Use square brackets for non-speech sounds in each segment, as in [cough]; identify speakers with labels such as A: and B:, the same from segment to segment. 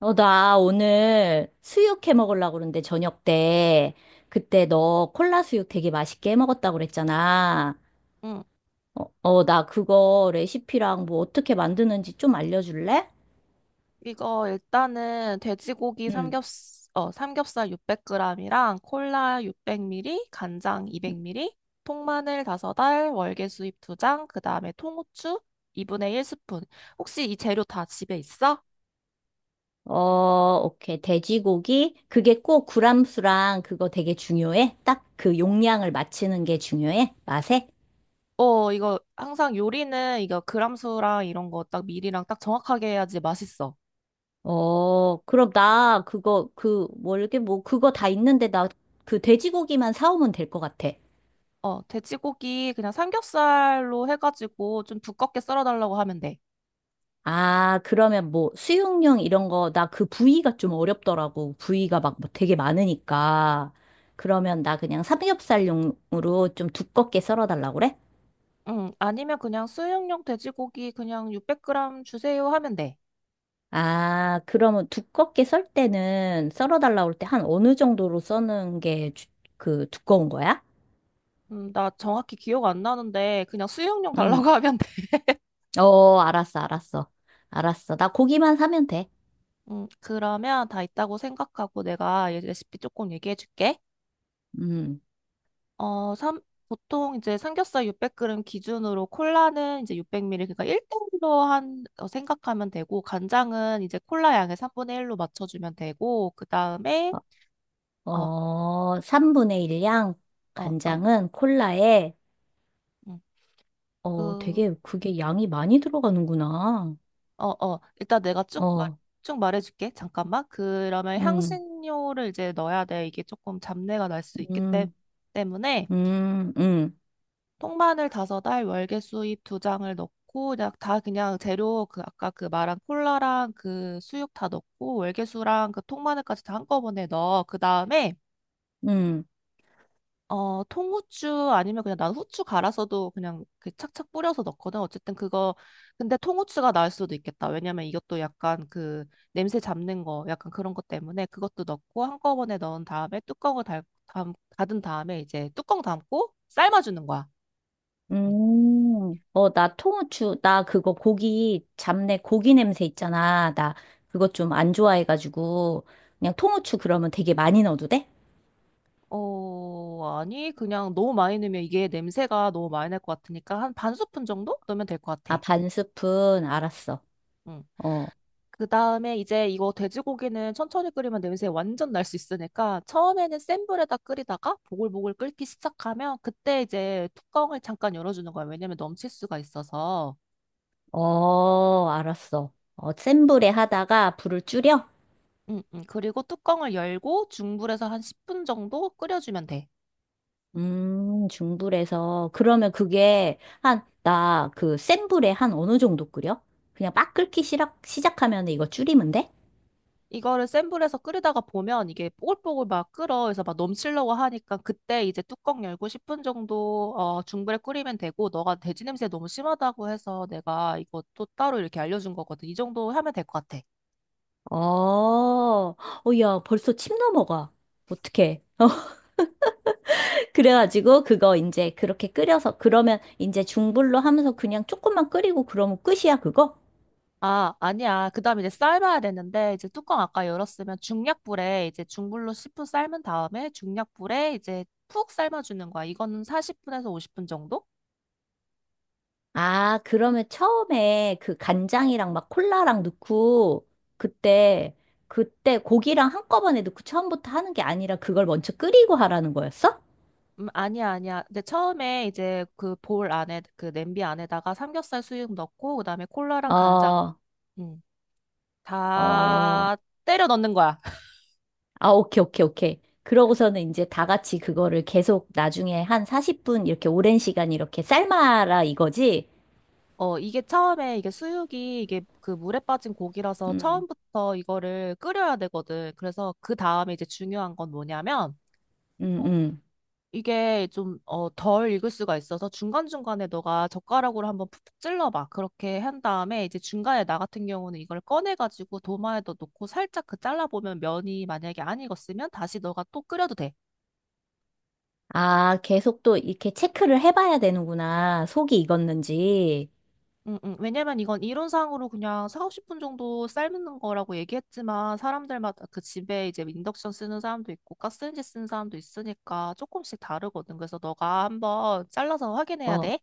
A: 나 오늘 수육 해 먹으려고 그러는데, 저녁 때. 그때 너 콜라 수육 되게 맛있게 해 먹었다고 그랬잖아.
B: 응.
A: 나 그거 레시피랑 뭐 어떻게 만드는지 좀 알려줄래?
B: 이거 일단은 돼지고기
A: 응.
B: 삼겹살 600g이랑 콜라 600ml, 간장 200ml, 통마늘 5알, 월계수잎 2장, 그 다음에 통후추 2분의 1 스푼. 혹시 이 재료 다 집에 있어?
A: 오케이. 돼지고기? 그게 꼭 구람수랑 그거 되게 중요해? 딱 그 용량을 맞추는 게 중요해? 맛에?
B: 이거 항상 요리는 이거 그람수랑 이런 거 딱 미리랑 딱 정확하게 해야지 맛있어.
A: 그럼 나 그거, 그, 뭐, 이렇게 뭐, 그거 다 있는데 나 그 돼지고기만 사오면 될 것 같아.
B: 돼지고기 그냥 삼겹살로 해가지고 좀 두껍게 썰어달라고 하면 돼.
A: 아, 그러면 뭐 수육용 이런 거, 나 그 부위가 좀 어렵더라고. 부위가 막뭐 되게 많으니까. 그러면 나 그냥 삼겹살용으로 좀 두껍게 썰어달라고 그래?
B: 응, 아니면 그냥 수육용 돼지고기 그냥 600g 주세요 하면 돼.
A: 아, 그러면 두껍게 썰 때는 썰어달라고 할 때 한 어느 정도로 써는 게 그 두꺼운 거야?
B: 나 정확히 기억 안 나는데 그냥 수육용 달라고
A: 응.
B: [laughs] 하면 돼.
A: 알았어, 알았어. 알았어. 나 고기만 사면 돼.
B: 그러면 다 있다고 생각하고 내가 얘 레시피 조금 얘기해 줄게.
A: 음.
B: 어, 삼, 보통 이제 삼겹살 600g 기준으로 콜라는 이제 600ml 그러니까 1대1로 한 생각하면 되고 간장은 이제 콜라 양의 3분의 1로 맞춰 주면 되고 그다음에 어,
A: 3분의 1 양,
B: 어, 어.
A: 간장은 콜라에
B: 음, 그
A: 되게 그게 양이 많이 들어가는구나.
B: 어, 어. 일단 내가
A: 어,
B: 쭉 말해줄게. 잠깐만. 그러면
A: 음,
B: 향신료를 이제 넣어야 돼. 이게 조금 잡내가 날 수 있기
A: 음,
B: 때문에
A: 음, 음,
B: 통마늘 5알, 월계수잎 두 장을 넣고 그냥 다 그냥 재료 그 아까 그 말한 콜라랑 그 수육 다 넣고 월계수랑 그 통마늘까지 다 한꺼번에 넣어. 그 다음에
A: 음,
B: 통후추 아니면 그냥 난 후추 갈아서도 그냥 그 착착 뿌려서 넣거든. 어쨌든 그거, 근데 통후추가 나을 수도 있겠다. 왜냐면 이것도 약간 그 냄새 잡는 거, 약간 그런 것 때문에 그것도 넣고 한꺼번에 넣은 다음에 뚜껑을 닫은 다음에 이제 뚜껑 담고 삶아주는 거야. 응.
A: 나 통후추, 나 그거 고기, 잡내 고기 냄새 있잖아. 나 그거 좀 안 좋아해가지고, 그냥 통후추 그러면 되게 많이 넣어도 돼?
B: 아니, 그냥 너무 많이 넣으면 이게 냄새가 너무 많이 날 것 같으니까 한 반 스푼 정도 넣으면 될 것
A: 아,
B: 같아.
A: 반 스푼, 알았어.
B: 응.
A: 어,
B: 그 다음에 이제 이거 돼지고기는 천천히 끓이면 냄새 완전 날 수 있으니까 처음에는 센 불에다 끓이다가 보글보글 끓기 시작하면 그때 이제 뚜껑을 잠깐 열어주는 거야. 왜냐면 넘칠 수가 있어서.
A: 알았어. 센 불에 하다가 불을 줄여?
B: 응, 응. 그리고 뚜껑을 열고 중불에서 한 10분 정도 끓여주면 돼.
A: 중불에서. 그러면 그게 한, 나 그 센 불에 한 어느 정도 끓여? 그냥 막 끓기 시작하면 이거 줄이면 돼?
B: 이거를 센 불에서 끓이다가 보면 이게 뽀글뽀글 막 끓어. 그래서 막 넘치려고 하니까 그때 이제 뚜껑 열고 10분 정도 중불에 끓이면 되고 너가 돼지 냄새 너무 심하다고 해서 내가 이거 또 따로 이렇게 알려준 거거든. 이 정도 하면 될 것 같아.
A: 어, 어, 야, 벌써 침 넘어가. 어떡해. [laughs] 그래가지고 그거 이제 그렇게 끓여서, 그러면 이제 중불로 하면서 그냥 조금만 끓이고 그러면 끝이야, 그거?
B: 아, 아니야. 그다음에 이제 삶아야 되는데 이제 뚜껑 아까 열었으면 중약불에 이제 중불로 10분 삶은 다음에 중약불에 이제 푹 삶아주는 거야. 이거는 40분에서 50분 정도?
A: 아, 그러면 처음에 그 간장이랑 막 콜라랑 넣고 그때 그때 고기랑 한꺼번에 넣고 처음부터 하는 게 아니라 그걸 먼저 끓이고 하라는 거였어?
B: 아니야, 아니야. 근데 처음에 이제 그 볼 안에, 그 냄비 안에다가 삼겹살 수육 넣고, 그다음에 콜라랑 간장,
A: 어,
B: 음,
A: 어.
B: 다 때려 넣는 거야. [laughs]
A: 아, 오케이, 오케이, 오케이. 그러고서는 이제 다 같이 그거를 계속 나중에 한 40분 이렇게 오랜 시간 이렇게 삶아라 이거지?
B: 이게 처음에 이게 수육이 이게 그 물에 빠진 고기라서
A: 음,
B: 처음부터 이거를 끓여야 되거든. 그래서 그 다음에 이제 중요한 건 뭐냐면,
A: 음,
B: 어,
A: 음.
B: 이게 좀, 덜 익을 수가 있어서 중간중간에 너가 젓가락으로 한번 푹푹 찔러봐. 그렇게 한 다음에 이제 중간에 나 같은 경우는 이걸 꺼내가지고 도마에다 놓고 살짝 그 잘라보면 면이 만약에 안 익었으면 다시 너가 또 끓여도 돼.
A: 아, 계속 또 이렇게 체크를 해봐야 되는구나. 속이 익었는지.
B: 응, 응. 왜냐면 이건 이론상으로 그냥 4, 50분 정도 삶는 거라고 얘기했지만 사람들마다 그 집에 이제 인덕션 쓰는 사람도 있고 가스렌지 쓰는 사람도 있으니까 조금씩 다르거든. 그래서 너가 한번 잘라서 확인해야
A: 어,
B: 돼.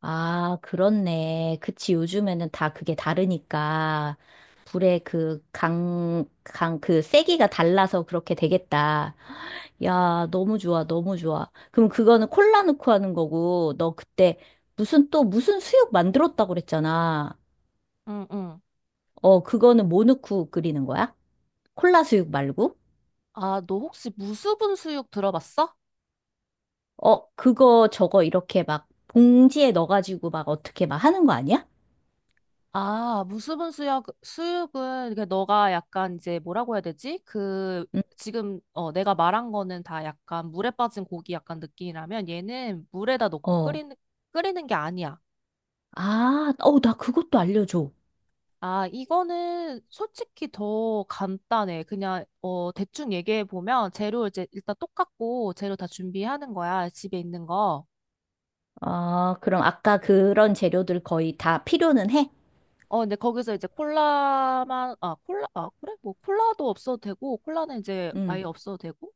A: 아, 그렇네. 그치, 요즘에는 다 그게 다르니까. 불의 그 그 세기가 달라서 그렇게 되겠다. 야, 너무 좋아, 너무 좋아. 그럼 그거는 콜라 넣고 하는 거고, 너 그때 무슨 또 무슨 수육 만들었다고 그랬잖아.
B: 응, 응.
A: 그거는 뭐 넣고 끓이는 거야? 콜라 수육 말고?
B: 아, 너 혹시 무수분 수육 들어봤어?
A: 그거 저거 이렇게 막 봉지에 넣어가지고 막 어떻게 막 하는 거 아니야?
B: 아, 무수분 수육은, 너가 약간 이제 뭐라고 해야 되지?
A: 응,
B: 지금, 내가 말한 거는 다 약간 물에 빠진 고기 약간 느낌이라면 얘는 물에다 넣고
A: 어.
B: 끓이는 게 아니야.
A: 아, 나 그것도 알려줘.
B: 아, 이거는 솔직히 더 간단해. 그냥, 대충 얘기해 보면 재료 이제 일단 똑같고 재료 다 준비하는 거야. 집에 있는 거.
A: 아, 그럼 아까 그런 재료들 거의 다 필요는 해?
B: 근데 거기서 이제 콜라만, 아, 콜라, 아, 그래? 뭐 콜라도 없어도 되고, 콜라는 이제
A: 응,
B: 아예 없어도 되고,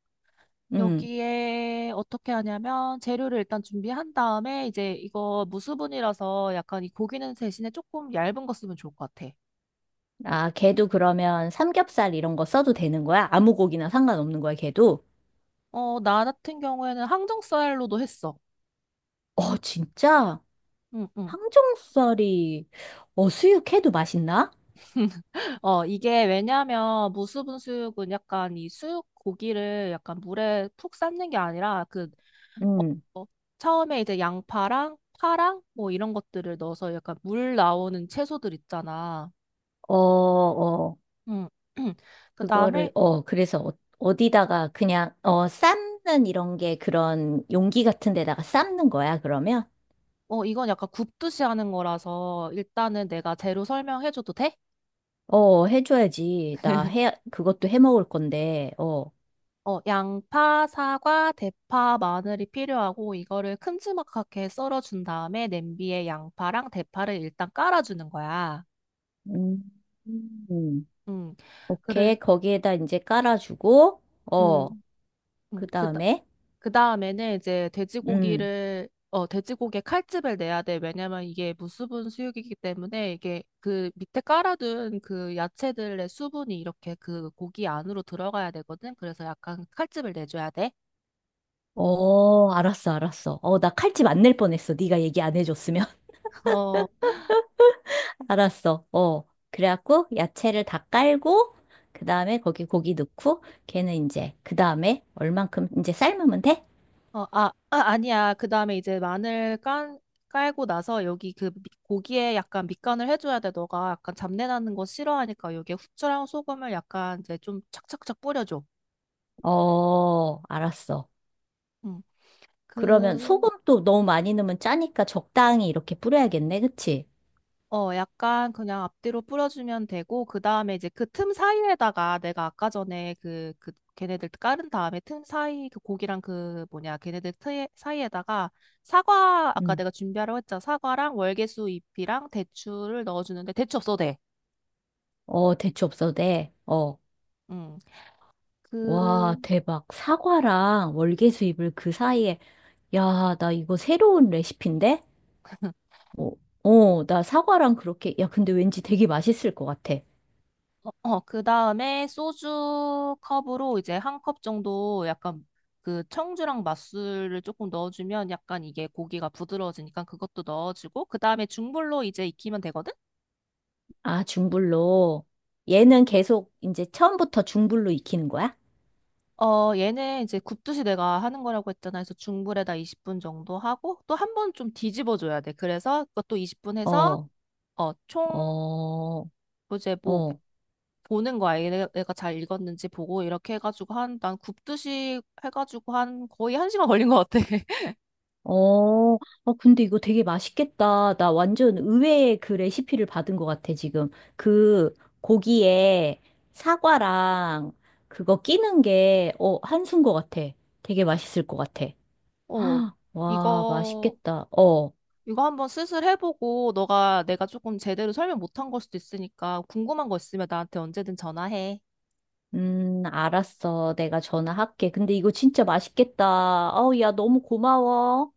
A: 응.
B: 여기에 어떻게 하냐면 재료를 일단 준비한 다음에 이제 이거 무수분이라서 약간 이 고기는 대신에 조금 얇은 거 쓰면 좋을 것 같아.
A: 아, 걔도 그러면 삼겹살 이런 거 써도 되는 거야? 아무 고기나 상관없는 거야, 걔도?
B: 나 같은 경우에는 항정 쌀로도 했어.
A: 어, 진짜?
B: 응, 응.
A: 항정살이, 수육해도 맛있나?
B: 이게 왜냐면 무수분 수육은 약간 이 수육 고기를 약간 물에 푹 삶는 게 아니라
A: 응,
B: 어, 처음에 이제 양파랑 파랑 뭐 이런 것들을 넣어서 약간 물 나오는 채소들 있잖아.
A: 어, 어,
B: 응. [clears throat] 그 다음에
A: 그거를, 그래서 어디다가 그냥, 삶는 이런 게 그런 용기 같은 데다가 삶는 거야, 그러면?
B: 이건 약간 굽듯이 하는 거라서 일단은 내가 재료 설명해줘도 돼?
A: 해줘야지. 나 해, 그것도 해 먹을 건데, 어.
B: 양파, 사과, 대파, 마늘이 필요하고 이거를 큼지막하게 썰어준 다음에 냄비에 양파랑 대파를 일단 깔아주는 거야.
A: 음, 음.
B: 음, 그를,
A: 오케이. 거기에다 이제 깔아주고, 어,
B: 음, 음,
A: 그
B: 그,
A: 다음에,
B: 그 다음에는 이제
A: 음,
B: 돼지고기를 어 돼지고기에 칼집을 내야 돼. 왜냐면 이게 무수분 수육이기 때문에 이게 그 밑에 깔아둔 그 야채들의 수분이 이렇게 그 고기 안으로 들어가야 되거든. 그래서 약간 칼집을 내줘야 돼.
A: 알았어, 알았어. 나 칼집 안 낼 뻔했어. 네가 얘기 안 해줬으면.
B: [laughs] 어,
A: [laughs] 알았어. 그래갖고, 야채를 다 깔고, 그 다음에 거기 고기 넣고, 걔는 이제, 그 다음에, 얼만큼 이제 삶으면 돼?
B: 아니야. 그 다음에 이제 마늘 깐 깔고 나서 여기 그 고기에 약간 밑간을 해줘야 돼. 너가 약간 잡내 나는 거 싫어하니까 여기에 후추랑 소금을 약간 이제 좀 착착착 뿌려줘.
A: 알았어.
B: 음.
A: 그러면
B: 그
A: 소금도 너무 많이 넣으면 짜니까 적당히 이렇게 뿌려야겠네. 그치?
B: 약간 그냥 앞뒤로 뿌려주면 되고, 그 다음에 이제 그 틈 사이에다가 내가 아까 전에 그, 그, 걔네들 깔은 다음에 틈 사이, 그 고기랑 그 뭐냐, 걔네들 트에, 사이에다가 사과, 아까
A: 음.
B: 내가 준비하라고 했잖아. 사과랑 월계수 잎이랑 대추를 넣어주는데, 대추 없어도 돼.
A: 대추 없어도 돼. 어.
B: 음.
A: 와,
B: 그,
A: 대박. 사과랑 월계수잎을 그 사이에, 야, 나 이거 새로운 레시피인데? 어, 나 사과랑 그렇게, 야, 근데 왠지 되게 맛있을 것 같아.
B: 어, 어, 그 다음에 소주 컵으로 이제 한 컵 정도 약간 그 청주랑 맛술을 조금 넣어주면 약간 이게 고기가 부드러워지니까 그것도 넣어주고, 그 다음에 중불로 이제 익히면 되거든?
A: 아, 중불로. 얘는 계속 이제 처음부터 중불로 익히는 거야?
B: 얘는 이제 굽듯이 내가 하는 거라고 했잖아. 그래서 중불에다 20분 정도 하고, 또 한 번 좀 뒤집어줘야 돼. 그래서 그것도 20분 해서,
A: 어,
B: 총,
A: 어,
B: 이제 뭐,
A: 어.
B: 보는 거야. 얘가 잘 익었는지 보고, 이렇게 해가지고 난 굽듯이 해가지고 한 거의 한 시간 걸린 것 같아.
A: 어, 근데 이거 되게 맛있겠다. 나 완전 의외의 그 레시피를 받은 것 같아, 지금. 그 고기에 사과랑 그거 끼는 게, 한수인 것 같아. 되게 맛있을 것 같아. [gasps]
B: 어,
A: 헉, 와,
B: 이거,
A: 맛있겠다.
B: 이거 한번 수술해보고, 너가 내가 조금 제대로 설명 못한 걸 수도 있으니까, 궁금한 거 있으면 나한테 언제든 전화해.
A: 알았어. 내가 전화할게. 근데 이거 진짜 맛있겠다. 아우, 야, 너무 고마워.